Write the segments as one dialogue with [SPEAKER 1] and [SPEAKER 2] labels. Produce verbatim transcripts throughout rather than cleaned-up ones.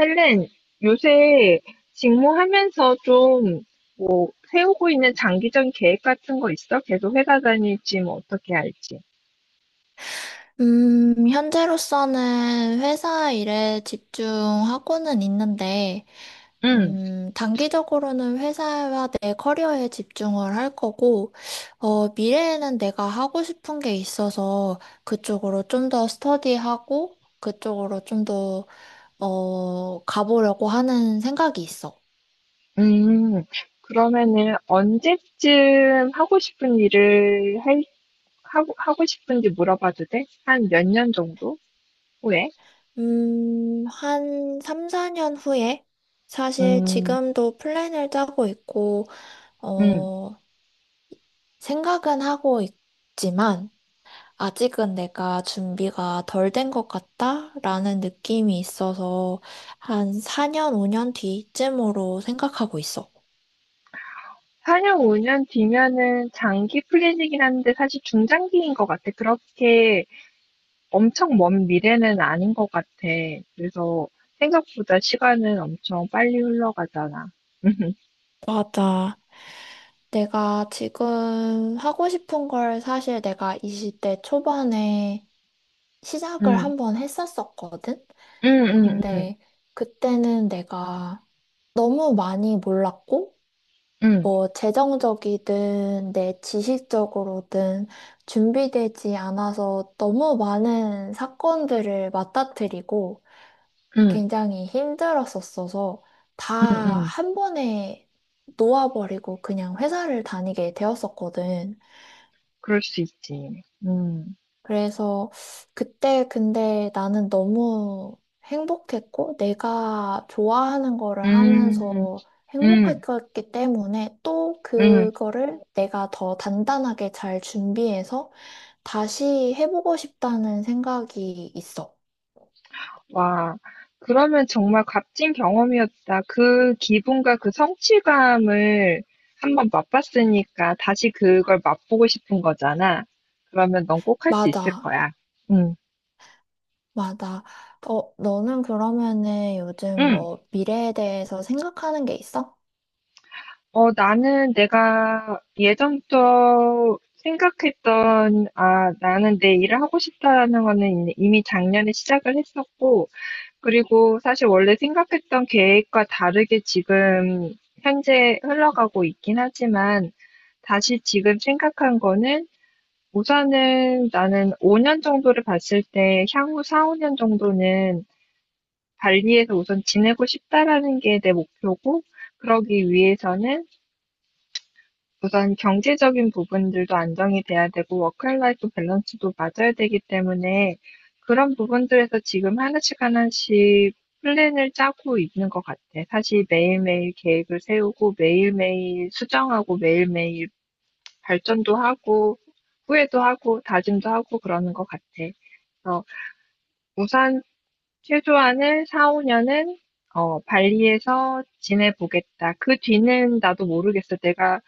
[SPEAKER 1] 헬렌, 요새 직무하면서 좀, 뭐, 세우고 있는 장기적인 계획 같은 거 있어? 계속 회사 다닐지, 뭐, 어떻게 할지.
[SPEAKER 2] 음, 현재로서는 회사 일에 집중하고는 있는데,
[SPEAKER 1] 응,
[SPEAKER 2] 음, 단기적으로는 회사와 내 커리어에 집중을 할 거고, 어, 미래에는 내가 하고 싶은 게 있어서 그쪽으로 좀 더 스터디하고, 그쪽으로 좀 더, 어, 가보려고 하는 생각이 있어.
[SPEAKER 1] 음, 그러면은 언제쯤 하고 싶은 일을 할, 하고, 하고 싶은지 물어봐도 돼? 한 몇 년 정도 후에?
[SPEAKER 2] 음, 한 삼, 사 년 후에? 사실
[SPEAKER 1] 음,
[SPEAKER 2] 지금도 플랜을 짜고 있고,
[SPEAKER 1] 음.
[SPEAKER 2] 어, 생각은 하고 있지만 아직은 내가 준비가 덜 된 것 같다라는 느낌이 있어서 한 사 년, 오 년 뒤쯤으로 생각하고 있어.
[SPEAKER 1] 사 년, 오 년 뒤면은 장기 플랜이긴 한데 사실 중장기인 것 같아. 그렇게 엄청 먼 미래는 아닌 것 같아. 그래서 생각보다 시간은 엄청 빨리 흘러가잖아.
[SPEAKER 2] 맞아. 내가 지금 하고 싶은 걸 사실 내가 이십 대 초반에 시작을
[SPEAKER 1] 응, 응,
[SPEAKER 2] 한번 했었었거든?
[SPEAKER 1] 응, 응,
[SPEAKER 2] 근데 그때는 내가 너무 많이 몰랐고,
[SPEAKER 1] 응,
[SPEAKER 2] 뭐 재정적이든 내 지식적으로든 준비되지 않아서 너무 많은 사건들을 맞닥뜨리고
[SPEAKER 1] 응,
[SPEAKER 2] 굉장히 힘들었었어서 다
[SPEAKER 1] 응, 응.
[SPEAKER 2] 한 번에 놓아버리고 그냥 회사를 다니게 되었었거든.
[SPEAKER 1] 그럴 수 있지. 응,
[SPEAKER 2] 그래서 그때 근데 나는 너무 행복했고 내가 좋아하는 거를
[SPEAKER 1] 응,
[SPEAKER 2] 하면서
[SPEAKER 1] 응,
[SPEAKER 2] 행복했기 때문에 또
[SPEAKER 1] 응.
[SPEAKER 2] 그거를 내가 더 단단하게 잘 준비해서 다시 해보고 싶다는 생각이 있어.
[SPEAKER 1] 와, 그러면 정말 값진 경험이었다. 그 기분과 그 성취감을 한번 맛봤으니까 다시 그걸 맛보고 싶은 거잖아. 그러면 넌 꼭 할 수 있을
[SPEAKER 2] 맞아,
[SPEAKER 1] 거야. 응,
[SPEAKER 2] 맞아. 어, 너는 그러면은 요즘
[SPEAKER 1] 응.
[SPEAKER 2] 뭐 미래에 대해서 생각하는 게 있어?
[SPEAKER 1] 어, 나는 내가 예전부터 생각했던, 아, 나는 내 일을 하고 싶다라는 거는 이- 이미 작년에 시작을 했었고, 그리고 사실 원래 생각했던 계획과 다르게 지금 현재 흘러가고 있긴 하지만, 다시 지금 생각한 거는 우선은 나는 오 년 정도를 봤을 때 향후 사, 오 년 정도는 발리에서 우선 지내고 싶다라는 게 내 목표고, 그러기 위해서는 우선 경제적인 부분들도 안정이 돼야 되고 워크라이프 밸런스도 맞아야 되기 때문에 그런 부분들에서 지금 하나씩 하나씩 플랜을 짜고 있는 것 같아. 사실 매일매일 계획을 세우고 매일매일 수정하고 매일매일 발전도 하고 후회도 하고 다짐도 하고 그러는 것 같아. 그래서 우선 최소한을 사, 오 년은 발리에서 지내보겠다. 그 뒤는 나도 모르겠어. 내가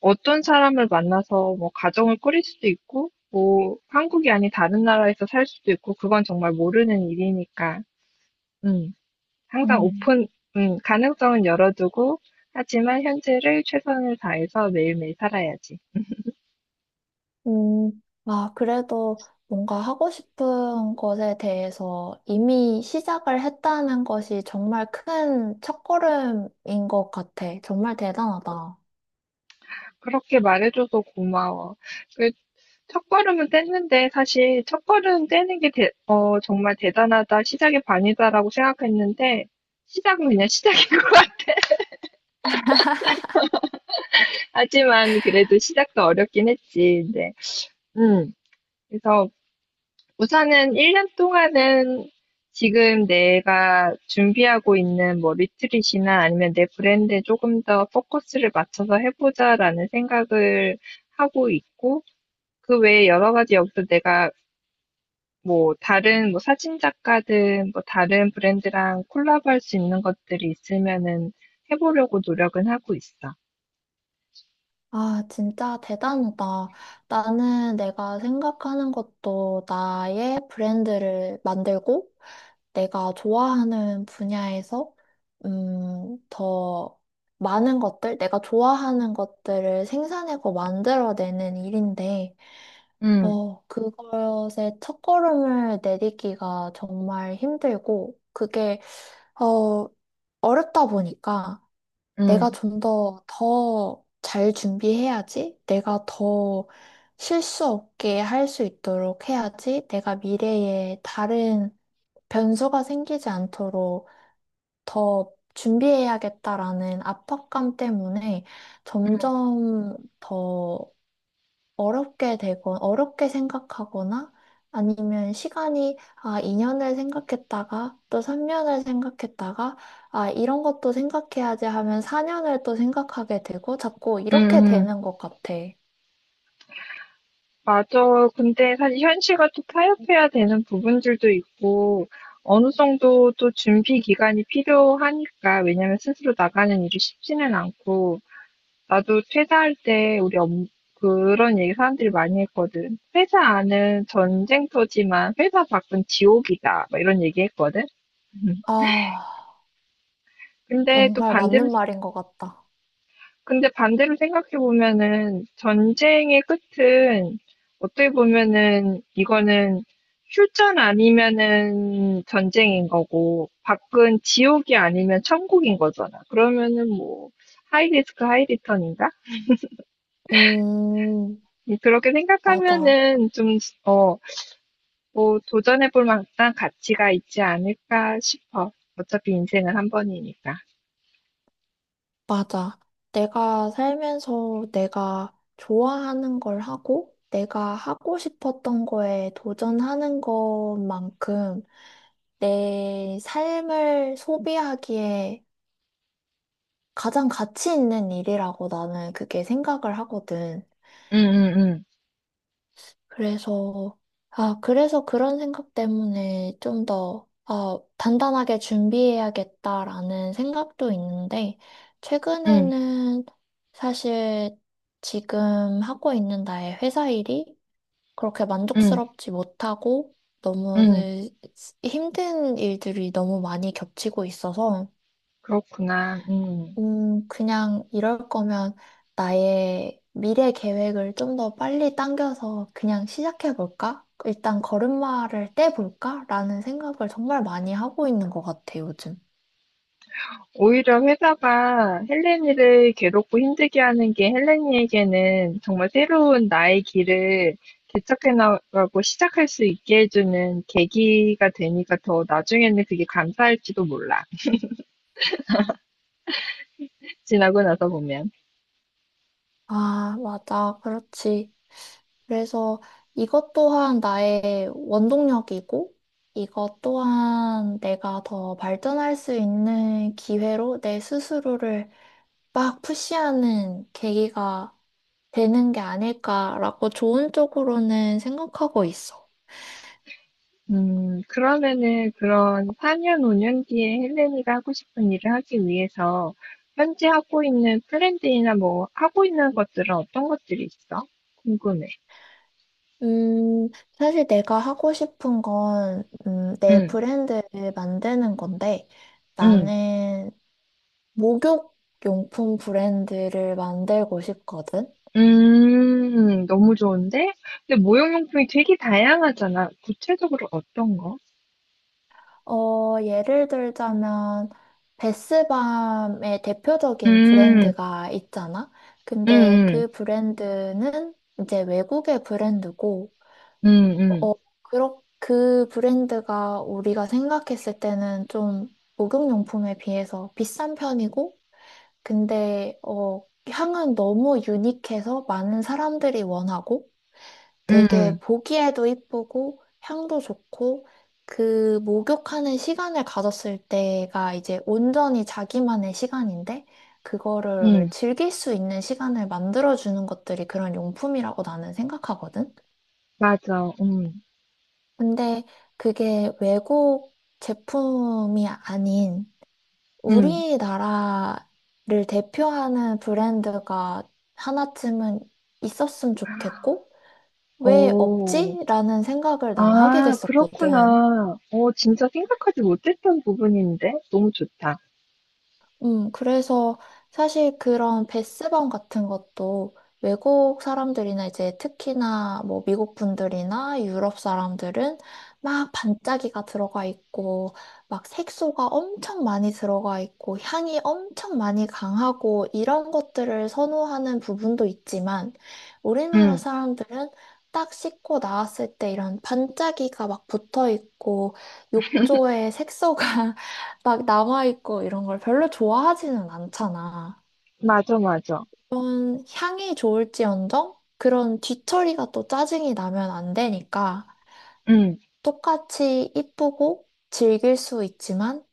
[SPEAKER 1] 어떤 사람을 만나서 뭐 가정을 꾸릴 수도 있고, 뭐 한국이 아닌 다른 나라에서 살 수도 있고, 그건 정말 모르는 일이니까, 음, 항상
[SPEAKER 2] 음.
[SPEAKER 1] 오픈, 음, 가능성은 열어두고, 하지만 현재를 최선을 다해서 매일매일 살아야지.
[SPEAKER 2] 음, 아, 그래도 뭔가 하고 싶은 것에 대해서 이미 시작을 했다는 것이 정말 큰 첫걸음인 것 같아. 정말 대단하다.
[SPEAKER 1] 그렇게 말해줘서 고마워. 그 첫걸음은 뗐는데 사실 첫걸음 떼는 게 대- 어, 정말 대단하다, 시작의 반이다라고 생각했는데 시작은 그냥 시작인 것 같아. 하지만 그래도 시작도 어렵긴 했지. 근데 음. 그래서 우선은 일 년 동안은 지금 내가 준비하고 있는 뭐 리트릿이나 아니면 내 브랜드에 조금 더 포커스를 맞춰서 해보자라는 생각을 하고 있고, 그 외에 여러 가지 여기서 내가 뭐 다른 뭐 사진 작가든 뭐 다른 브랜드랑 콜라보할 수 있는 것들이 있으면은 해보려고 노력은 하고 있어.
[SPEAKER 2] 아, 진짜 대단하다. 나는 내가 생각하는 것도 나의 브랜드를 만들고 내가 좋아하는 분야에서 음, 더 많은 것들, 내가 좋아하는 것들을 생산하고 만들어내는 일인데
[SPEAKER 1] 음,
[SPEAKER 2] 어, 그것의 첫걸음을 내딛기가 정말 힘들고, 그게, 어, 어렵다 보니까 내가
[SPEAKER 1] 음,
[SPEAKER 2] 좀 더, 더 잘 준비해야지, 내가 더 실수 없게 할 수 있도록 해야지, 내가 미래에 다른 변수가 생기지 않도록 더 준비해야겠다라는 압박감 때문에 점점 더 어렵게 되고, 어렵게 생각하거나 아니면 시간이, 아, 이 년을 생각했다가 또 삼 년을 생각했다가, 아, 이런 것도 생각해야지 하면 사 년을 또 생각하게 되고 자꾸
[SPEAKER 1] 음,
[SPEAKER 2] 이렇게
[SPEAKER 1] 음.
[SPEAKER 2] 되는 것 같아.
[SPEAKER 1] 맞아. 근데 사실 현실과 또 타협해야 되는 부분들도 있고, 어느 정도 또 준비 기간이 필요하니까, 왜냐면 스스로 나가는 일이 쉽지는 않고, 나도 퇴사할 때 우리 엄, 그런 얘기 사람들이 많이 했거든. 회사 안은 전쟁터지만 회사 밖은 지옥이다. 막 이런 얘기 했거든.
[SPEAKER 2] 아,
[SPEAKER 1] 근데 또
[SPEAKER 2] 정말
[SPEAKER 1] 반대로
[SPEAKER 2] 맞는 말인 것 같다.
[SPEAKER 1] 근데 반대로 생각해 보면은 전쟁의 끝은 어떻게 보면은 이거는 휴전 아니면은 전쟁인 거고 밖은 지옥이 아니면 천국인 거잖아. 그러면은 뭐 하이 리스크 하이 리턴인가?
[SPEAKER 2] 음,
[SPEAKER 1] 음, 그렇게
[SPEAKER 2] 맞아,
[SPEAKER 1] 생각하면은 좀, 어, 뭐 도전해 볼 만한 가치가 있지 않을까 싶어. 어차피 인생은 한 번이니까.
[SPEAKER 2] 맞아. 내가 살면서 내가 좋아하는 걸 하고, 내가 하고 싶었던 거에 도전하는 것만큼 내 삶을 소비하기에 가장 가치 있는 일이라고 나는 그게 생각을 하거든.
[SPEAKER 1] 응, 응, 응,
[SPEAKER 2] 그래서, 아, 그래서 그런 생각 때문에 좀 더, 아, 단단하게 준비해야겠다라는 생각도 있는데,
[SPEAKER 1] 응,
[SPEAKER 2] 최근에는 사실 지금 하고 있는 나의 회사 일이 그렇게
[SPEAKER 1] 응,
[SPEAKER 2] 만족스럽지 못하고, 너무
[SPEAKER 1] 응.
[SPEAKER 2] 힘든 일들이 너무 많이 겹치고 있어서,
[SPEAKER 1] 그렇구나. 음.
[SPEAKER 2] 음, 그냥 이럴 거면 나의 미래 계획을 좀 더 빨리 당겨서 그냥 시작해 볼까? 일단 걸음마를 떼볼까? 라는 생각을 정말 많이 하고 있는 것 같아, 요즘.
[SPEAKER 1] 오히려 회사가 헬렌이를 괴롭고 힘들게 하는 게 헬렌이에게는 정말 새로운 나의 길을 개척해 나가고 시작할 수 있게 해주는 계기가 되니까 더 나중에는 그게 감사할지도 몰라. 지나고 나서 보면.
[SPEAKER 2] 아, 맞아. 그렇지. 그래서 이것 또한 나의 원동력이고, 이것 또한 내가 더 발전할 수 있는 기회로 내 스스로를 막 푸시하는 계기가 되는 게 아닐까라고 좋은 쪽으로는 생각하고 있어.
[SPEAKER 1] 음, 그러면은 그런 사 년, 오 년 뒤에 헬렌이가 하고 싶은 일을 하기 위해서 현재 하고 있는 플랜들이나 뭐 하고 있는 것들은 어떤 것들이 있어? 궁금해.
[SPEAKER 2] 음, 사실 내가 하고 싶은 건, 음, 내
[SPEAKER 1] 응,
[SPEAKER 2] 브랜드를 만드는 건데,
[SPEAKER 1] 응.
[SPEAKER 2] 나는 목욕 용품 브랜드를 만들고 싶거든.
[SPEAKER 1] 음. 너무 좋은데? 근데 모형용품이 되게 다양하잖아. 구체적으로 어떤 거?
[SPEAKER 2] 어, 예를 들자면, 베스밤의 대표적인
[SPEAKER 1] 음.
[SPEAKER 2] 브랜드가 있잖아? 근데
[SPEAKER 1] 음음.
[SPEAKER 2] 그 브랜드는 이제 외국의 브랜드고,
[SPEAKER 1] 음음.
[SPEAKER 2] 어, 그렇, 그 브랜드가 우리가 생각했을 때는 좀 목욕용품에 비해서 비싼 편이고, 근데, 어, 향은 너무 유니크해서 많은 사람들이 원하고,
[SPEAKER 1] 음. 음.
[SPEAKER 2] 되게 보기에도 이쁘고 향도 좋고 그 목욕하는 시간을 가졌을 때가 이제 온전히 자기만의 시간인데
[SPEAKER 1] 음, 음,
[SPEAKER 2] 그거를 즐길 수 있는 시간을 만들어주는 것들이 그런 용품이라고 나는 생각하거든.
[SPEAKER 1] 맞아. 음.
[SPEAKER 2] 근데 그게 외국 제품이 아닌
[SPEAKER 1] 음.
[SPEAKER 2] 우리나라를 대표하는 브랜드가 하나쯤은 있었으면 좋겠고 왜
[SPEAKER 1] 오,
[SPEAKER 2] 없지? 라는 생각을 난 하게
[SPEAKER 1] 아,
[SPEAKER 2] 됐었거든.
[SPEAKER 1] 그렇구나. 어, 진짜 생각하지 못했던 부분인데. 너무 좋다.
[SPEAKER 2] 음, 그래서 사실 그런 베스방 같은 것도 외국 사람들이나 이제 특히나 뭐 미국 분들이나 유럽 사람들은 막 반짝이가 들어가 있고 막 색소가 엄청 많이 들어가 있고 향이 엄청 많이 강하고 이런 것들을 선호하는 부분도 있지만 우리나라
[SPEAKER 1] 음.
[SPEAKER 2] 사람들은 딱 씻고 나왔을 때 이런 반짝이가 막 붙어 있고 욕조에 색소가 막 남아있고 이런 걸 별로 좋아하지는 않잖아.
[SPEAKER 1] 맞아, 맞아.
[SPEAKER 2] 그런 향이 좋을지언정 그런 뒤처리가 또 짜증이 나면 안 되니까
[SPEAKER 1] 음.
[SPEAKER 2] 똑같이 이쁘고 즐길 수 있지만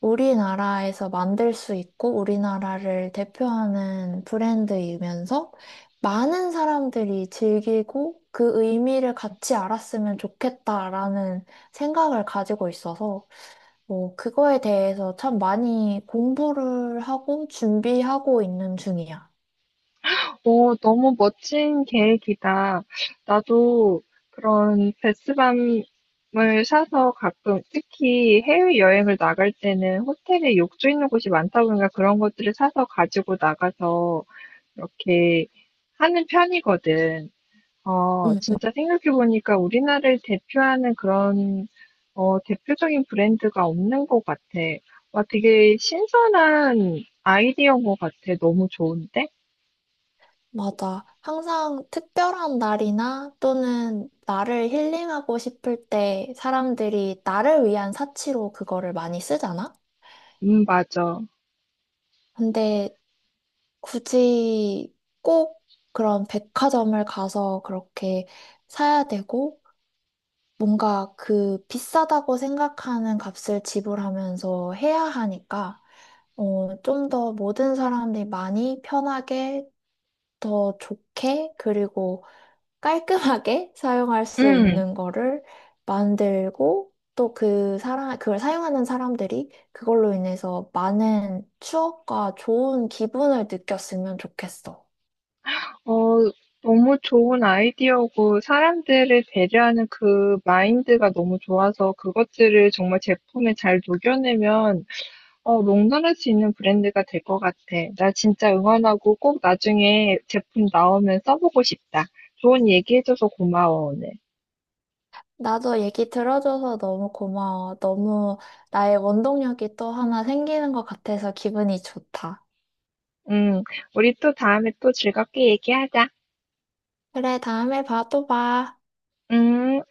[SPEAKER 2] 우리나라에서 만들 수 있고 우리나라를 대표하는 브랜드이면서 많은 사람들이 즐기고 그 의미를 같이 알았으면 좋겠다라는 생각을 가지고 있어서 뭐, 그거에 대해서 참 많이 공부를 하고 준비하고 있는 중이야.
[SPEAKER 1] 오, 너무 멋진 계획이다. 나도 그런 베스밤을 사서 가끔, 특히 해외여행을 나갈 때는 호텔에 욕조 있는 곳이 많다 보니까 그런 것들을 사서 가지고 나가서 이렇게 하는 편이거든. 어,
[SPEAKER 2] 응, 응.
[SPEAKER 1] 진짜 생각해보니까 우리나라를 대표하는 그런, 어, 대표적인 브랜드가 없는 것 같아. 와, 되게 신선한 아이디어인 것 같아. 너무 좋은데?
[SPEAKER 2] 맞아. 항상 특별한 날이나 또는 나를 힐링하고 싶을 때 사람들이 나를 위한 사치로 그거를 많이 쓰잖아?
[SPEAKER 1] 음, 맞아.
[SPEAKER 2] 근데 굳이 꼭 그런 백화점을 가서 그렇게 사야 되고, 뭔가 그 비싸다고 생각하는 값을 지불하면서 해야 하니까, 어, 좀 더 모든 사람들이 많이 편하게, 더 좋게, 그리고 깔끔하게 사용할 수
[SPEAKER 1] 음,
[SPEAKER 2] 있는 거를 만들고, 또 그 사람, 그걸 사용하는 사람들이 그걸로 인해서 많은 추억과 좋은 기분을 느꼈으면 좋겠어.
[SPEAKER 1] 어, 너무 좋은 아이디어고 사람들을 배려하는 그 마인드가 너무 좋아서 그것들을 정말 제품에 잘 녹여내면 어, 롱런할 수 있는 브랜드가 될 것 같아. 나 진짜 응원하고 꼭 나중에 제품 나오면 써보고 싶다. 좋은 얘기해줘서 고마워, 오늘.
[SPEAKER 2] 나도 얘기 들어줘서 너무 고마워. 너무 나의 원동력이 또 하나 생기는 것 같아서 기분이 좋다.
[SPEAKER 1] 음, 우리 또 다음에 또 즐겁게 얘기하자.
[SPEAKER 2] 그래, 다음에 봐, 또 봐.
[SPEAKER 1] 음.